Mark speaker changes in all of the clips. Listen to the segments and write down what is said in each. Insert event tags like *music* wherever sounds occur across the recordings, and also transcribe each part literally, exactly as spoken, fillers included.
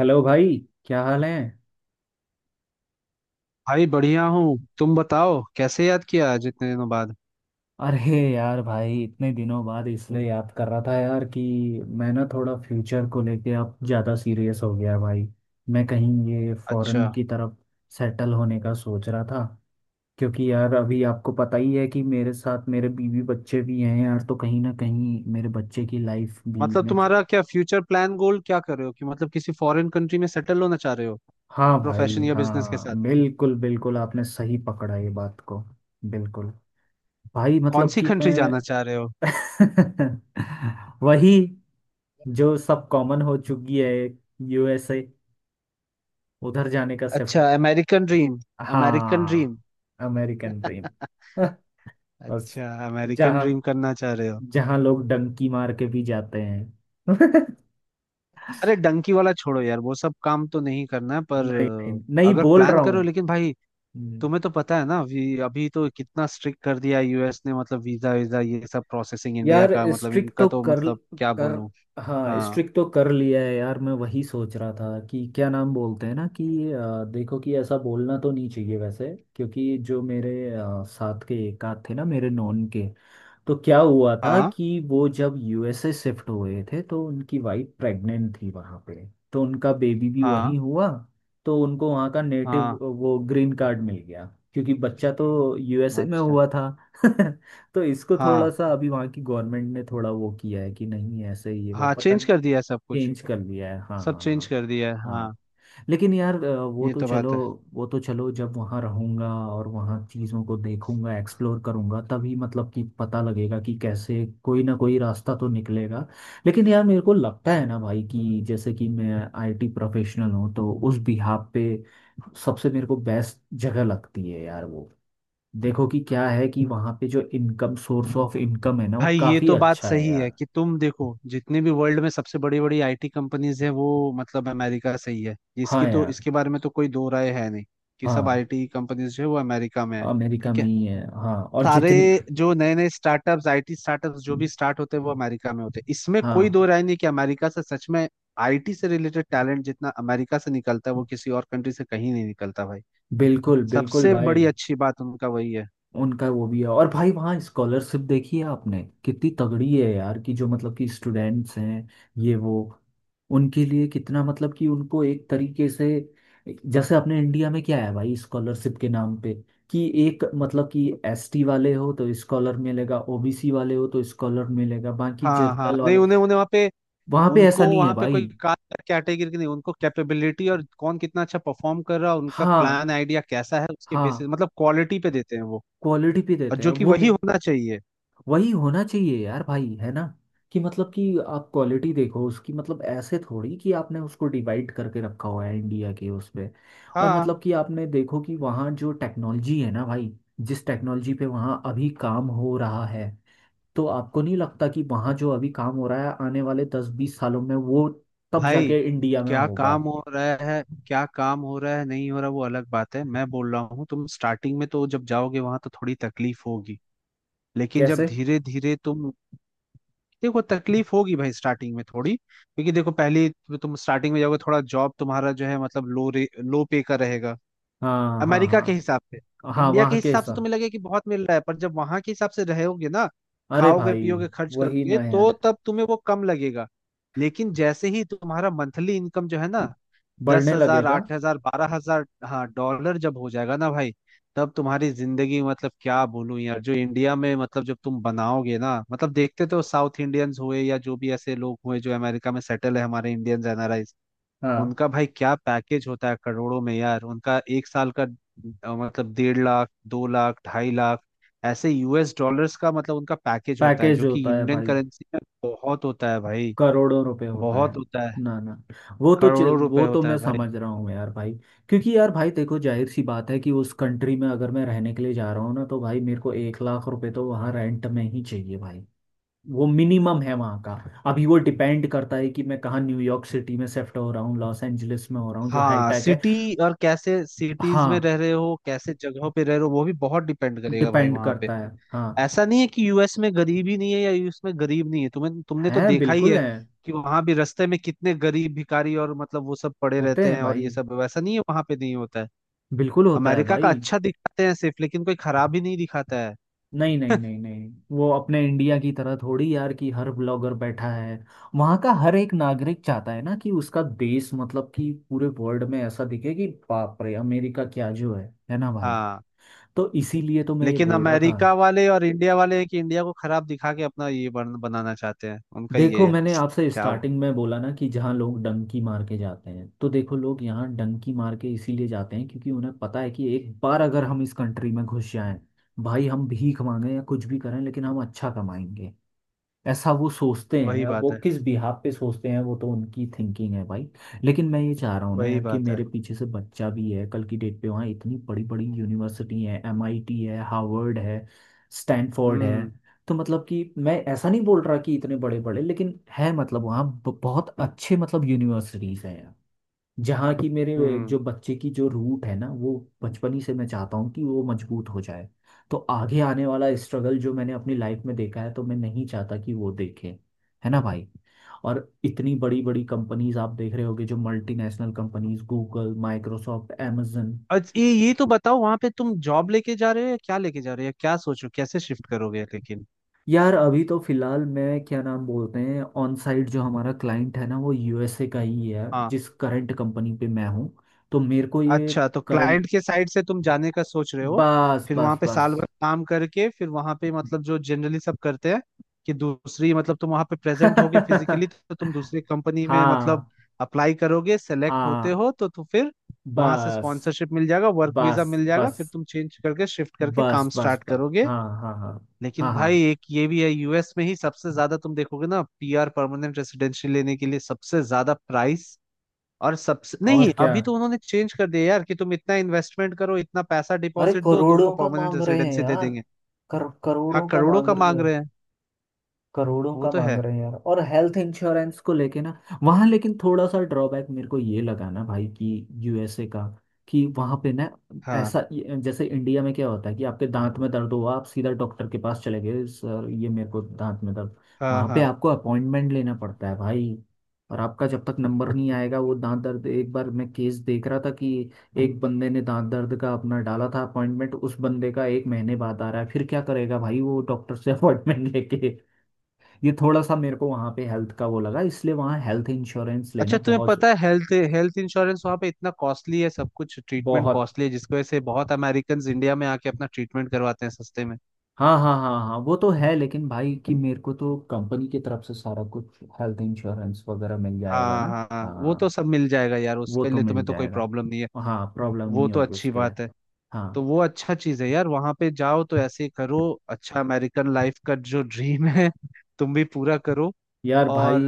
Speaker 1: Hello भाई। क्या हाल है?
Speaker 2: भाई, बढ़िया हूँ। तुम बताओ, कैसे याद किया आज इतने दिनों बाद?
Speaker 1: अरे यार भाई, इतने दिनों बाद इसलिए याद कर रहा था यार कि मैं ना थोड़ा फ्यूचर को लेके अब ज़्यादा सीरियस हो गया भाई। मैं कहीं ये
Speaker 2: अच्छा,
Speaker 1: फॉरेन की तरफ सेटल होने का सोच रहा था। क्योंकि यार अभी आपको पता ही है कि मेरे साथ मेरे बीवी बच्चे भी हैं यार, तो कहीं ना कहीं मेरे बच्चे की लाइफ भी
Speaker 2: मतलब
Speaker 1: मैं च-
Speaker 2: तुम्हारा क्या फ्यूचर प्लान गोल क्या कर रहे हो कि मतलब किसी फॉरेन कंट्री में सेटल होना चाह रहे हो?
Speaker 1: हाँ भाई,
Speaker 2: प्रोफेशन या बिजनेस के साथ?
Speaker 1: हाँ बिल्कुल बिल्कुल आपने सही पकड़ा ये बात को। बिल्कुल। भाई
Speaker 2: कौन
Speaker 1: मतलब
Speaker 2: सी
Speaker 1: कि
Speaker 2: कंट्री जाना चाह रहे हो?
Speaker 1: मैं *laughs* वही जो सब कॉमन हो चुकी है। यूएसए। उधर जाने का सिर्फ।
Speaker 2: अच्छा, अमेरिकन ड्रीम। American dream.
Speaker 1: हाँ। American dream.
Speaker 2: *laughs*
Speaker 1: *laughs* बस।
Speaker 2: अच्छा, अमेरिकन ड्रीम
Speaker 1: जहाँ
Speaker 2: करना चाह रहे हो?
Speaker 1: जहाँ लोग डंकी मार के भी जाते हैं। *laughs* नहीं,
Speaker 2: अरे, डंकी वाला छोड़ो यार, वो सब काम तो नहीं करना है, पर
Speaker 1: नहीं
Speaker 2: अ,
Speaker 1: नहीं
Speaker 2: अगर
Speaker 1: बोल
Speaker 2: प्लान
Speaker 1: रहा
Speaker 2: करो लेकिन भाई,
Speaker 1: हूँ।
Speaker 2: तुम्हें तो पता है ना। अभी अभी तो कितना स्ट्रिक्ट कर दिया यूएस ने, मतलब वीजा वीजा ये सब प्रोसेसिंग इंडिया
Speaker 1: यार
Speaker 2: का मतलब
Speaker 1: स्ट्रिक
Speaker 2: इनका
Speaker 1: तो
Speaker 2: तो
Speaker 1: कर
Speaker 2: मतलब क्या
Speaker 1: कर
Speaker 2: बोलूं।
Speaker 1: हाँ
Speaker 2: हाँ,
Speaker 1: स्ट्रिक तो कर लिया है यार। मैं वही सोच रहा था कि क्या नाम बोलते हैं ना कि अ, देखो कि ऐसा बोलना तो नहीं चाहिए वैसे। क्योंकि जो मेरे अ, साथ के एक आध थे ना मेरे नॉन के, तो क्या हुआ था
Speaker 2: हाँ,
Speaker 1: कि वो जब यूएसए शिफ्ट हुए थे तो उनकी वाइफ प्रेग्नेंट थी वहाँ पे। तो उनका बेबी भी
Speaker 2: हाँ,
Speaker 1: वहीं हुआ। तो उनको वहाँ का नेटिव
Speaker 2: हाँ।
Speaker 1: वो ग्रीन कार्ड मिल गया क्योंकि बच्चा तो यूएसए में
Speaker 2: अच्छा।
Speaker 1: हुआ था। *laughs* तो इसको थोड़ा
Speaker 2: हाँ,
Speaker 1: सा अभी वहाँ की गवर्नमेंट ने थोड़ा वो किया है कि नहीं ऐसे ही है वो
Speaker 2: हाँ,
Speaker 1: पता
Speaker 2: चेंज
Speaker 1: नहीं।
Speaker 2: कर दिया है सब कुछ।
Speaker 1: चेंज कर लिया है, हाँ
Speaker 2: सब
Speaker 1: हाँ
Speaker 2: चेंज
Speaker 1: हाँ
Speaker 2: कर दिया है हाँ।
Speaker 1: हाँ। लेकिन यार, अ, वो
Speaker 2: ये
Speaker 1: तो
Speaker 2: तो
Speaker 1: चलो,
Speaker 2: बात है।
Speaker 1: वो तो चलो जब वहाँ रहूँगा और वहाँ चीज़ों को देखूंगा एक्सप्लोर करूंगा तभी मतलब कि पता लगेगा कि कैसे कोई ना कोई रास्ता तो निकलेगा। लेकिन यार मेरे को लगता है ना भाई कि जैसे कि मैं आईटी प्रोफेशनल हूँ तो उस बिहाफ पे सबसे मेरे को बेस्ट जगह लगती है यार वो। देखो कि क्या है कि वहाँ पे जो इनकम सोर्स ऑफ इनकम है ना वो
Speaker 2: भाई, ये
Speaker 1: काफ़ी
Speaker 2: तो बात
Speaker 1: अच्छा है
Speaker 2: सही है
Speaker 1: यार।
Speaker 2: कि तुम देखो जितने भी वर्ल्ड में सबसे बड़ी बड़ी आईटी कंपनीज है वो मतलब अमेरिका से ही है।
Speaker 1: हाँ
Speaker 2: इसकी तो,
Speaker 1: यार।
Speaker 2: इसके बारे में तो कोई दो राय है नहीं कि सब
Speaker 1: हाँ
Speaker 2: आईटी कंपनीज जो है वो अमेरिका में है।
Speaker 1: अमेरिका
Speaker 2: ठीक
Speaker 1: में
Speaker 2: है।
Speaker 1: ही है, हाँ। और
Speaker 2: सारे
Speaker 1: जितनी
Speaker 2: जो नए नए स्टार्टअप्स आईटी स्टार्टअप्स जो भी स्टार्ट होते हैं वो अमेरिका में होते हैं, इसमें कोई
Speaker 1: हाँ
Speaker 2: दो राय नहीं कि अमेरिका से सच में आईटी से रिलेटेड टैलेंट जितना अमेरिका से निकलता है वो किसी और कंट्री से कहीं नहीं निकलता भाई।
Speaker 1: बिल्कुल बिल्कुल
Speaker 2: सबसे बड़ी
Speaker 1: भाई,
Speaker 2: अच्छी बात उनका वही है।
Speaker 1: उनका वो भी है। और भाई वहाँ स्कॉलरशिप देखी है आपने कितनी तगड़ी है यार कि जो मतलब कि स्टूडेंट्स हैं ये वो, उनके लिए कितना मतलब कि उनको एक तरीके से, जैसे अपने इंडिया में क्या है भाई स्कॉलरशिप के नाम पे कि एक मतलब कि एस टी वाले हो तो स्कॉलर मिलेगा, ओ बी सी वाले हो तो स्कॉलर मिलेगा, बाकी
Speaker 2: हाँ, हाँ,
Speaker 1: जनरल
Speaker 2: नहीं,
Speaker 1: वाले।
Speaker 2: उन्हें उन्हें वहाँ पे,
Speaker 1: वहाँ पे
Speaker 2: उनको
Speaker 1: ऐसा नहीं है
Speaker 2: वहाँ पे
Speaker 1: भाई।
Speaker 2: कोई कास्ट कैटेगरी की नहीं, उनको कैपेबिलिटी और कौन कितना अच्छा परफॉर्म कर रहा है, उनका
Speaker 1: हाँ
Speaker 2: प्लान आइडिया कैसा है, उसके बेसिस
Speaker 1: हाँ
Speaker 2: मतलब क्वालिटी पे देते हैं वो।
Speaker 1: क्वालिटी पे
Speaker 2: और
Speaker 1: देते हैं
Speaker 2: जो कि
Speaker 1: वो
Speaker 2: वही
Speaker 1: मे-
Speaker 2: होना चाहिए।
Speaker 1: वही होना चाहिए यार भाई, है ना? कि मतलब कि आप क्वालिटी देखो उसकी, मतलब ऐसे थोड़ी कि आपने उसको डिवाइड करके रखा हुआ है इंडिया के उस पे। और
Speaker 2: हाँ।
Speaker 1: मतलब कि आपने देखो कि वहाँ जो टेक्नोलॉजी है ना भाई जिस टेक्नोलॉजी पे वहाँ अभी काम हो रहा है, तो आपको नहीं लगता कि वहाँ जो अभी काम हो रहा है आने वाले दस बीस सालों में वो तब
Speaker 2: भाई,
Speaker 1: जाके इंडिया में
Speaker 2: क्या
Speaker 1: होगा?
Speaker 2: काम हो रहा है, क्या काम हो रहा है, नहीं हो रहा, वो अलग बात है। मैं बोल रहा हूँ तुम स्टार्टिंग में तो जब जाओगे वहां तो थोड़ी तकलीफ होगी, लेकिन जब
Speaker 1: कैसे?
Speaker 2: धीरे धीरे तुम, देखो तकलीफ होगी भाई स्टार्टिंग में थोड़ी, क्योंकि देखो पहले तो तुम स्टार्टिंग में जाओगे, थोड़ा जॉब तुम्हारा जो है मतलब लो रे लो पे का रहेगा
Speaker 1: हाँ हाँ
Speaker 2: अमेरिका के हिसाब
Speaker 1: हाँ
Speaker 2: से।
Speaker 1: हाँ
Speaker 2: इंडिया के
Speaker 1: वहाँ
Speaker 2: हिसाब से
Speaker 1: कैसा?
Speaker 2: तुम्हें लगे कि बहुत मिल रहा है, पर जब वहां के हिसाब से रहोगे ना,
Speaker 1: अरे
Speaker 2: खाओगे
Speaker 1: भाई
Speaker 2: पियोगे खर्च
Speaker 1: वही
Speaker 2: करोगे
Speaker 1: ना
Speaker 2: तो
Speaker 1: यार,
Speaker 2: तब तुम्हें वो कम लगेगा। लेकिन जैसे ही तुम्हारा मंथली इनकम जो है ना, दस
Speaker 1: बढ़ने
Speaker 2: हजार
Speaker 1: लगेगा।
Speaker 2: आठ हजार बारह हजार, हाँ, डॉलर जब हो जाएगा ना भाई, तब तुम्हारी जिंदगी मतलब क्या बोलूं यार, जो इंडिया में मतलब जब तुम बनाओगे ना, मतलब देखते तो साउथ इंडियंस हुए या जो भी ऐसे लोग हुए जो अमेरिका में सेटल है हमारे इंडियंस,
Speaker 1: हाँ।
Speaker 2: उनका भाई क्या पैकेज होता है करोड़ों में यार, उनका एक साल का अ, मतलब डेढ़ लाख, दो लाख, ढाई लाख ऐसे यूएस डॉलर्स का मतलब उनका पैकेज होता है
Speaker 1: पैकेज
Speaker 2: जो कि
Speaker 1: होता है
Speaker 2: इंडियन
Speaker 1: भाई।
Speaker 2: करेंसी में बहुत होता है भाई।
Speaker 1: करोड़ों रुपए होता
Speaker 2: बहुत
Speaker 1: है।
Speaker 2: होता है।
Speaker 1: ना ना, वो तो चि-
Speaker 2: करोड़ों रुपए
Speaker 1: वो तो
Speaker 2: होता
Speaker 1: मैं
Speaker 2: है भाई।
Speaker 1: समझ रहा हूँ यार भाई। क्योंकि यार भाई देखो जाहिर सी बात है कि उस कंट्री में अगर मैं रहने के लिए जा रहा हूँ ना तो भाई मेरे को एक लाख रुपए तो वहाँ रेंट में ही चाहिए भाई। वो मिनिमम है वहाँ का। अभी वो डिपेंड करता है कि मैं कहाँ, न्यूयॉर्क सिटी में शिफ्ट हो रहा हूँ, लॉस एंजलिस में हो रहा हूँ जो
Speaker 2: हाँ,
Speaker 1: हाईटेक है।
Speaker 2: सिटी और कैसे सिटीज में
Speaker 1: हाँ
Speaker 2: रह रहे हो, कैसे जगहों पे रह रहे हो वो भी बहुत डिपेंड करेगा भाई
Speaker 1: डिपेंड
Speaker 2: वहां पे।
Speaker 1: करता है, हाँ।
Speaker 2: ऐसा नहीं है कि यूएस में गरीबी नहीं है या यूएस में गरीब नहीं है, तुम्हें, तुमने तो
Speaker 1: है,
Speaker 2: देखा ही
Speaker 1: बिल्कुल
Speaker 2: है
Speaker 1: है।
Speaker 2: कि वहां भी रास्ते में कितने गरीब भिखारी और मतलब वो सब पड़े
Speaker 1: होते
Speaker 2: रहते
Speaker 1: हैं
Speaker 2: हैं, और
Speaker 1: भाई,
Speaker 2: ये सब वैसा नहीं है, वहां पे नहीं होता है।
Speaker 1: बिल्कुल होता है
Speaker 2: अमेरिका का
Speaker 1: भाई।
Speaker 2: अच्छा दिखाते हैं सिर्फ, लेकिन कोई खराब ही नहीं दिखाता है।
Speaker 1: नहीं नहीं नहीं नहीं, वो अपने इंडिया की तरह थोड़ी यार कि हर ब्लॉगर बैठा है। वहाँ का हर एक नागरिक चाहता है ना कि उसका देश मतलब कि पूरे वर्ल्ड में ऐसा दिखे कि बाप रे अमेरिका क्या जो है है ना भाई?
Speaker 2: हाँ।
Speaker 1: तो इसीलिए तो मैं ये
Speaker 2: लेकिन
Speaker 1: बोल रहा था।
Speaker 2: अमेरिका वाले और इंडिया वाले हैं कि इंडिया को खराब दिखा के अपना ये बन, बनाना चाहते हैं, उनका
Speaker 1: देखो
Speaker 2: ये है।
Speaker 1: मैंने आपसे
Speaker 2: क्या वो-
Speaker 1: स्टार्टिंग में बोला ना कि जहाँ लोग डंकी मार के जाते हैं, तो देखो लोग यहाँ डंकी मार के इसीलिए जाते हैं क्योंकि उन्हें पता है कि एक बार अगर हम इस कंट्री में घुस जाएं, भाई हम भीख मांगे या कुछ भी करें लेकिन हम अच्छा कमाएंगे। ऐसा वो सोचते हैं,
Speaker 2: वही
Speaker 1: अब वो
Speaker 2: बात है।
Speaker 1: किस बिहाफ पे सोचते हैं वो तो उनकी थिंकिंग है भाई। लेकिन मैं ये चाह रहा हूँ ना
Speaker 2: वही
Speaker 1: यार कि
Speaker 2: बात है।
Speaker 1: मेरे पीछे से बच्चा भी है, कल की डेट पे वहाँ इतनी बड़ी बड़ी यूनिवर्सिटी है, एम आई टी है, हार्वर्ड है, स्टैनफोर्ड
Speaker 2: हम्म।
Speaker 1: है। तो मतलब कि मैं ऐसा नहीं बोल रहा कि इतने बड़े बड़े, लेकिन है मतलब वहाँ ब- बहुत अच्छे मतलब यूनिवर्सिटीज हैं यार। जहाँ की मेरे
Speaker 2: हम्म।
Speaker 1: जो बच्चे की जो रूट है ना वो बचपन ही से मैं चाहता हूँ कि वो मजबूत हो जाए। तो आगे आने वाला स्ट्रगल जो मैंने अपनी लाइफ में देखा है, तो मैं नहीं चाहता कि वो देखे। है ना भाई? और इतनी बड़ी बड़ी कंपनीज आप देख रहे होगे जो multinational companies, Google, Microsoft, amazon।
Speaker 2: अच्छा, ये ये तो बताओ, वहां पे तुम जॉब लेके जा रहे हो या क्या लेके जा रहे हो या क्या सोचो, कैसे शिफ्ट करोगे लेकिन।
Speaker 1: यार अभी तो फिलहाल मैं क्या नाम बोलते हैं ऑन साइट, जो हमारा क्लाइंट है ना वो यूएसए का ही है,
Speaker 2: हाँ।
Speaker 1: जिस करंट कंपनी पे मैं हूँ। तो मेरे को ये
Speaker 2: अच्छा, तो
Speaker 1: करंट।
Speaker 2: क्लाइंट के साइड से तुम जाने का सोच रहे हो?
Speaker 1: बस
Speaker 2: फिर वहां
Speaker 1: बस
Speaker 2: पे
Speaker 1: बस।
Speaker 2: साल भर काम करके फिर वहां पे मतलब जो जनरली सब करते हैं कि दूसरी मतलब तुम वहां पे
Speaker 1: *laughs*
Speaker 2: प्रेजेंट होगे
Speaker 1: हाँ
Speaker 2: फिजिकली तो तुम दूसरी कंपनी में मतलब अप्लाई करोगे, सेलेक्ट होते
Speaker 1: हाँ।
Speaker 2: हो तो, तो फिर वहां से
Speaker 1: बस
Speaker 2: स्पॉन्सरशिप मिल जाएगा, वर्क वीजा
Speaker 1: बस
Speaker 2: मिल जाएगा, फिर
Speaker 1: बस।
Speaker 2: तुम चेंज करके शिफ्ट करके काम
Speaker 1: बस बस
Speaker 2: स्टार्ट
Speaker 1: बस।
Speaker 2: करोगे।
Speaker 1: हाँ हाँ हाँ
Speaker 2: लेकिन
Speaker 1: हाँ हाँ।
Speaker 2: भाई एक ये भी है, यूएस में ही सबसे ज्यादा तुम देखोगे ना पीआर परमानेंट रेसिडेंसी लेने के लिए सबसे ज्यादा प्राइस। और सबसे
Speaker 1: और
Speaker 2: नहीं,
Speaker 1: क्या,
Speaker 2: अभी तो उन्होंने चेंज कर दिया यार कि तुम इतना इन्वेस्टमेंट करो, इतना पैसा
Speaker 1: अरे
Speaker 2: डिपॉजिट दो, तुमको
Speaker 1: करोड़ों का
Speaker 2: परमानेंट
Speaker 1: मांग रहे हैं
Speaker 2: रेसिडेंसी दे
Speaker 1: यार।
Speaker 2: देंगे।
Speaker 1: कर,
Speaker 2: हाँ,
Speaker 1: करोड़ों का
Speaker 2: करोड़ों
Speaker 1: मांग
Speaker 2: का
Speaker 1: रहे
Speaker 2: मांग
Speaker 1: हैं।
Speaker 2: रहे हैं।
Speaker 1: करोड़ों
Speaker 2: वो
Speaker 1: का
Speaker 2: तो
Speaker 1: मांग
Speaker 2: है।
Speaker 1: रहे हैं यार, और हेल्थ इंश्योरेंस को लेके ना वहाँ, लेकिन थोड़ा सा ड्रॉबैक मेरे को ये लगा ना भाई कि यूएसए का कि वहाँ पे ना,
Speaker 2: हाँ,
Speaker 1: ऐसा जैसे इंडिया में क्या होता है कि आपके दांत में दर्द हुआ, आप सीधा डॉक्टर के पास चले गए, सर ये मेरे को दांत में दर्द।
Speaker 2: हाँ,
Speaker 1: वहाँ पे
Speaker 2: हाँ।
Speaker 1: आपको अपॉइंटमेंट लेना पड़ता है भाई। और आपका जब तक नंबर नहीं आएगा वो दांत दर्द, एक बार मैं केस देख रहा था कि एक बंदे ने दांत दर्द का अपना डाला था अपॉइंटमेंट, उस बंदे का एक महीने बाद आ रहा है, फिर क्या करेगा भाई वो डॉक्टर से अपॉइंटमेंट *laughs* लेके। ये थोड़ा सा मेरे को वहाँ पे हेल्थ का वो लगा, इसलिए वहाँ हेल्थ इंश्योरेंस लेना
Speaker 2: अच्छा, तुम्हें
Speaker 1: बहुत
Speaker 2: पता है, हेल्थ हेल्थ इंश्योरेंस वहाँ पे इतना कॉस्टली है, सब कुछ ट्रीटमेंट
Speaker 1: बहुत।
Speaker 2: कॉस्टली है, जिसकी वजह से बहुत अमेरिकन इंडिया में आके अपना ट्रीटमेंट करवाते हैं सस्ते में।
Speaker 1: हाँ हाँ हाँ हाँ वो तो है, लेकिन भाई कि मेरे को तो कंपनी की तरफ से सारा कुछ हेल्थ इंश्योरेंस वगैरह मिल जाएगा
Speaker 2: हाँ,
Speaker 1: ना।
Speaker 2: हाँ, हाँ, वो तो
Speaker 1: हाँ
Speaker 2: सब मिल जाएगा यार,
Speaker 1: वो
Speaker 2: उसके
Speaker 1: तो
Speaker 2: लिए
Speaker 1: मिल
Speaker 2: तुम्हें तो कोई
Speaker 1: जाएगा,
Speaker 2: प्रॉब्लम नहीं है।
Speaker 1: हाँ प्रॉब्लम
Speaker 2: वो
Speaker 1: नहीं
Speaker 2: तो
Speaker 1: होगी
Speaker 2: अच्छी
Speaker 1: उसके लिए।
Speaker 2: बात है। तो
Speaker 1: हाँ।
Speaker 2: वो अच्छा चीज है यार, वहां पे जाओ तो ऐसे ही करो। अच्छा, अमेरिकन लाइफ का जो ड्रीम है तुम भी पूरा करो।
Speaker 1: यार
Speaker 2: और
Speaker 1: भाई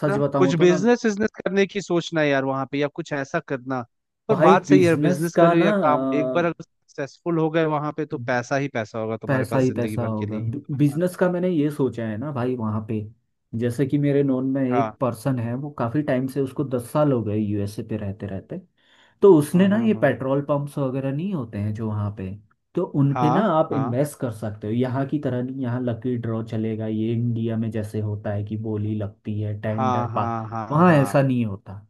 Speaker 1: सच
Speaker 2: ना कुछ
Speaker 1: बताऊँ तो ना
Speaker 2: बिजनेस बिजनेस करने की सोचना है यार वहां पे या कुछ ऐसा करना। पर
Speaker 1: भाई,
Speaker 2: बात सही है यार,
Speaker 1: बिजनेस
Speaker 2: बिजनेस
Speaker 1: का
Speaker 2: करो
Speaker 1: ना
Speaker 2: या काम, एक बार अगर सक्सेसफुल हो गए वहां पे तो पैसा ही पैसा होगा तुम्हारे
Speaker 1: पैसा
Speaker 2: पास
Speaker 1: ही
Speaker 2: जिंदगी
Speaker 1: पैसा
Speaker 2: भर के
Speaker 1: होगा।
Speaker 2: लिए, ये तो मैं
Speaker 1: बिजनेस
Speaker 2: मानता
Speaker 1: का मैंने ये सोचा है ना भाई वहाँ पे, जैसे कि मेरे नोन में
Speaker 2: हूँ। हाँ,
Speaker 1: एक पर्सन है, वो काफी टाइम से, उसको दस साल हो गए यूएसए पे रहते रहते। तो उसने ना, ये
Speaker 2: हाँ,
Speaker 1: पेट्रोल पंप्स वगैरह नहीं होते हैं जो वहाँ पे, तो उन पे ना आप
Speaker 2: हाँ,
Speaker 1: इन्वेस्ट कर सकते हो। यहाँ की तरह नहीं, यहाँ लकी ड्रॉ चलेगा ये इंडिया में, जैसे होता है कि बोली लगती है, टेंडर
Speaker 2: हाँ, हाँ,
Speaker 1: पास।
Speaker 2: हाँ, हाँ, हाँ, हाँ,
Speaker 1: वहाँ
Speaker 2: हाँ।
Speaker 1: ऐसा नहीं होता।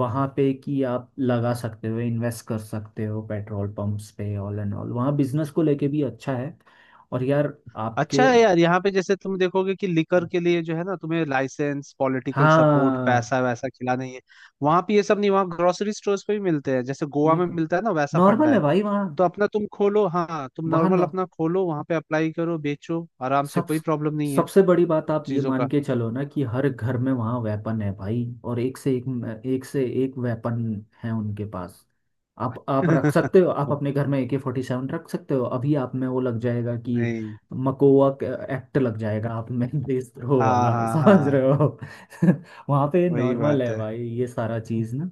Speaker 1: वहां पे कि आप लगा सकते हो, इन्वेस्ट कर सकते हो पेट्रोल पंप्स पे। ऑल एंड ऑल वहाँ बिजनेस को लेके भी अच्छा है। और यार आपके,
Speaker 2: अच्छा है यार, यहाँ पे जैसे तुम देखोगे कि लिकर के लिए जो है ना तुम्हें लाइसेंस, पॉलिटिकल सपोर्ट,
Speaker 1: हाँ
Speaker 2: पैसा वैसा खिलाना ही है। वहां पे ये सब नहीं, वहाँ ग्रोसरी स्टोर्स पे भी मिलते हैं, जैसे गोवा में
Speaker 1: बिल्कुल
Speaker 2: मिलता है ना, वैसा
Speaker 1: नॉर्मल
Speaker 2: फंडा
Speaker 1: है
Speaker 2: है।
Speaker 1: भाई वहाँ।
Speaker 2: तो अपना तुम खोलो, हाँ तुम
Speaker 1: वहाँ
Speaker 2: नॉर्मल अपना खोलो वहां पे, अप्लाई करो, बेचो आराम से,
Speaker 1: सब,
Speaker 2: कोई प्रॉब्लम नहीं है
Speaker 1: सबसे बड़ी बात आप ये
Speaker 2: चीजों
Speaker 1: मान
Speaker 2: का।
Speaker 1: के चलो ना कि हर घर में वहाँ वेपन है भाई, और एक से एक एक से एक वेपन है उनके पास। आप आप रख सकते हो, आप
Speaker 2: *laughs*
Speaker 1: अपने घर में ए के फोर्टी सेवन रख सकते हो, अभी आप में वो लग जाएगा कि
Speaker 2: नहीं।
Speaker 1: मकोवा एक्ट लग जाएगा आप में। *laughs* देशद्रोह
Speaker 2: हाँ,
Speaker 1: वाला,
Speaker 2: हाँ,
Speaker 1: समझ
Speaker 2: हाँ।
Speaker 1: रहे हो? *laughs* वहाँ पे
Speaker 2: वही
Speaker 1: नॉर्मल
Speaker 2: बात
Speaker 1: है
Speaker 2: है।
Speaker 1: भाई ये सारा चीज़ ना।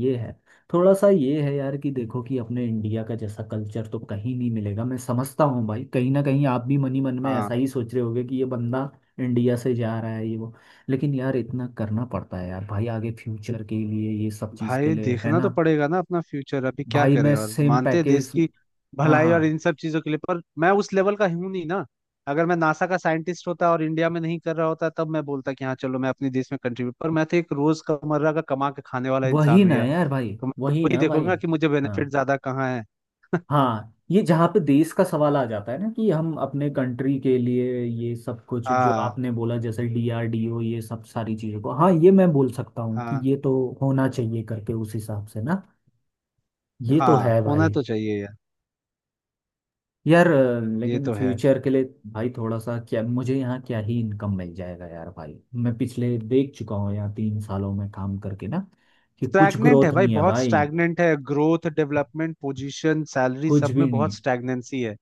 Speaker 1: ये है, थोड़ा सा ये है यार कि देखो कि अपने इंडिया का जैसा कल्चर तो कहीं नहीं मिलेगा। मैं समझता हूँ भाई, कहीं ना कहीं आप भी मन ही मन में
Speaker 2: हाँ
Speaker 1: ऐसा ही सोच रहे होगे कि ये बंदा इंडिया से जा रहा है ये वो, लेकिन यार इतना करना पड़ता है यार भाई, आगे फ्यूचर के लिए, ये सब चीज़ के
Speaker 2: भाई,
Speaker 1: लिए है
Speaker 2: देखना
Speaker 1: ना।
Speaker 2: तो पड़ेगा ना अपना फ्यूचर, अभी क्या
Speaker 1: भाई
Speaker 2: करे,
Speaker 1: मैं
Speaker 2: और
Speaker 1: सेम
Speaker 2: मानते हैं देश
Speaker 1: पैकेज।
Speaker 2: की
Speaker 1: हाँ
Speaker 2: भलाई और
Speaker 1: हाँ
Speaker 2: इन सब चीजों के लिए, पर मैं उस लेवल का हूं नहीं ना। अगर मैं नासा का साइंटिस्ट होता और इंडिया में नहीं कर रहा होता तब मैं बोलता कि हाँ चलो मैं अपने देश में कंट्रीब्यूट, पर मैं तो एक रोज कमर्रा का कमा के खाने वाला इंसान
Speaker 1: वही
Speaker 2: हूँ
Speaker 1: ना
Speaker 2: यार।
Speaker 1: यार भाई,
Speaker 2: तो मैं
Speaker 1: वही
Speaker 2: वही
Speaker 1: ना भाई।
Speaker 2: देखूंगा कि मुझे
Speaker 1: हाँ
Speaker 2: बेनिफिट ज्यादा कहाँ है।
Speaker 1: हाँ, ये जहाँ पे देश का सवाल आ जाता है ना कि हम अपने कंट्री के लिए ये सब कुछ जो
Speaker 2: हाँ,
Speaker 1: आपने बोला, जैसे डी आर डी ओ, ये सब सारी चीज़ों को, हाँ ये मैं बोल सकता हूँ कि
Speaker 2: हाँ,
Speaker 1: ये तो होना चाहिए, करके उस हिसाब से ना। ये तो
Speaker 2: हाँ।
Speaker 1: है
Speaker 2: होना
Speaker 1: भाई।
Speaker 2: तो चाहिए यार।
Speaker 1: यार, अ,
Speaker 2: ये
Speaker 1: लेकिन
Speaker 2: तो है।
Speaker 1: फ्यूचर के लिए भाई थोड़ा सा, क्या मुझे यहाँ क्या ही इनकम मिल जाएगा यार भाई? मैं पिछले देख चुका हूँ यहाँ तीन सालों में काम करके ना कि कुछ
Speaker 2: स्टैग्नेंट है
Speaker 1: ग्रोथ
Speaker 2: भाई,
Speaker 1: नहीं है
Speaker 2: बहुत
Speaker 1: भाई।
Speaker 2: स्टैग्नेंट है, ग्रोथ डेवलपमेंट पोजीशन सैलरी
Speaker 1: कुछ
Speaker 2: सब में
Speaker 1: भी नहीं
Speaker 2: बहुत स्टैग्नेंसी है।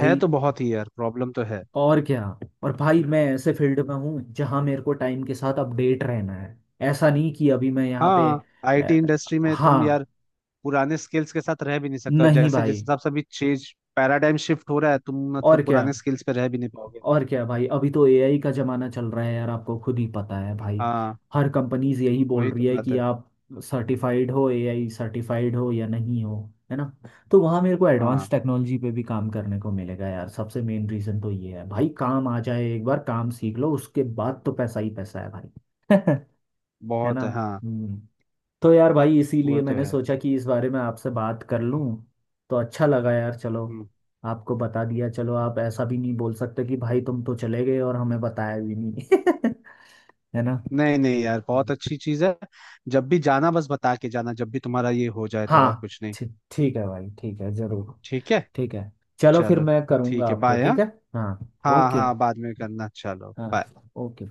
Speaker 2: है तो बहुत ही यार, प्रॉब्लम तो है।
Speaker 1: और क्या? और भाई मैं ऐसे फील्ड में हूँ जहाँ मेरे को टाइम के साथ अपडेट रहना है। ऐसा नहीं कि अभी मैं यहाँ पे
Speaker 2: हाँ, आईटी
Speaker 1: अ,
Speaker 2: इंडस्ट्री में तुम
Speaker 1: हाँ
Speaker 2: यार पुराने स्किल्स के साथ रह भी नहीं सकते, और
Speaker 1: नहीं
Speaker 2: जैसे जिस
Speaker 1: भाई,
Speaker 2: हिसाब से अभी चेंज, पैराडाइम शिफ्ट हो रहा है, तुम मतलब
Speaker 1: और क्या?
Speaker 2: पुराने स्किल्स पे रह भी नहीं पाओगे।
Speaker 1: और क्या भाई, अभी तो ए आई का जमाना चल रहा है यार, आपको खुद ही पता है भाई।
Speaker 2: हाँ।
Speaker 1: हर कंपनीज यही बोल
Speaker 2: वही
Speaker 1: रही
Speaker 2: तो
Speaker 1: है
Speaker 2: बात
Speaker 1: कि
Speaker 2: है।
Speaker 1: आप सर्टिफाइड हो, ए आई सर्टिफाइड हो या नहीं हो, है ना? तो वहाँ मेरे को एडवांस
Speaker 2: हाँ,
Speaker 1: टेक्नोलॉजी पे भी काम करने को मिलेगा यार, सबसे मेन रीज़न तो ये है भाई, काम आ जाए, एक बार काम सीख लो उसके बाद तो पैसा ही पैसा है भाई। *laughs* है ना?
Speaker 2: बहुत है हाँ।
Speaker 1: हम्म। तो यार भाई
Speaker 2: वो
Speaker 1: इसीलिए
Speaker 2: तो
Speaker 1: मैंने
Speaker 2: है।
Speaker 1: सोचा कि इस बारे में आपसे बात कर लूं, तो अच्छा लगा यार, चलो।
Speaker 2: हम्म।
Speaker 1: आपको बता दिया, चलो, आप ऐसा भी नहीं बोल सकते कि भाई तुम तो चले गए और हमें बताया भी नहीं। *laughs* है ना?
Speaker 2: नहीं नहीं यार, बहुत
Speaker 1: हम्म।
Speaker 2: अच्छी चीज है। जब भी जाना बस बता के जाना, जब भी तुम्हारा ये हो जाए, तो और
Speaker 1: हाँ,
Speaker 2: कुछ नहीं।
Speaker 1: ठीक, ठीक है भाई, ठीक है जरूर,
Speaker 2: ठीक है।
Speaker 1: ठीक है। चलो फिर
Speaker 2: चलो।
Speaker 1: मैं करूँगा
Speaker 2: ठीक है,
Speaker 1: आपको,
Speaker 2: बाय,
Speaker 1: ठीक
Speaker 2: हाँ।
Speaker 1: है? हाँ
Speaker 2: हाँ,
Speaker 1: ओके।
Speaker 2: हाँ, बाद में करना, चलो
Speaker 1: हाँ।
Speaker 2: बाय।
Speaker 1: ओके।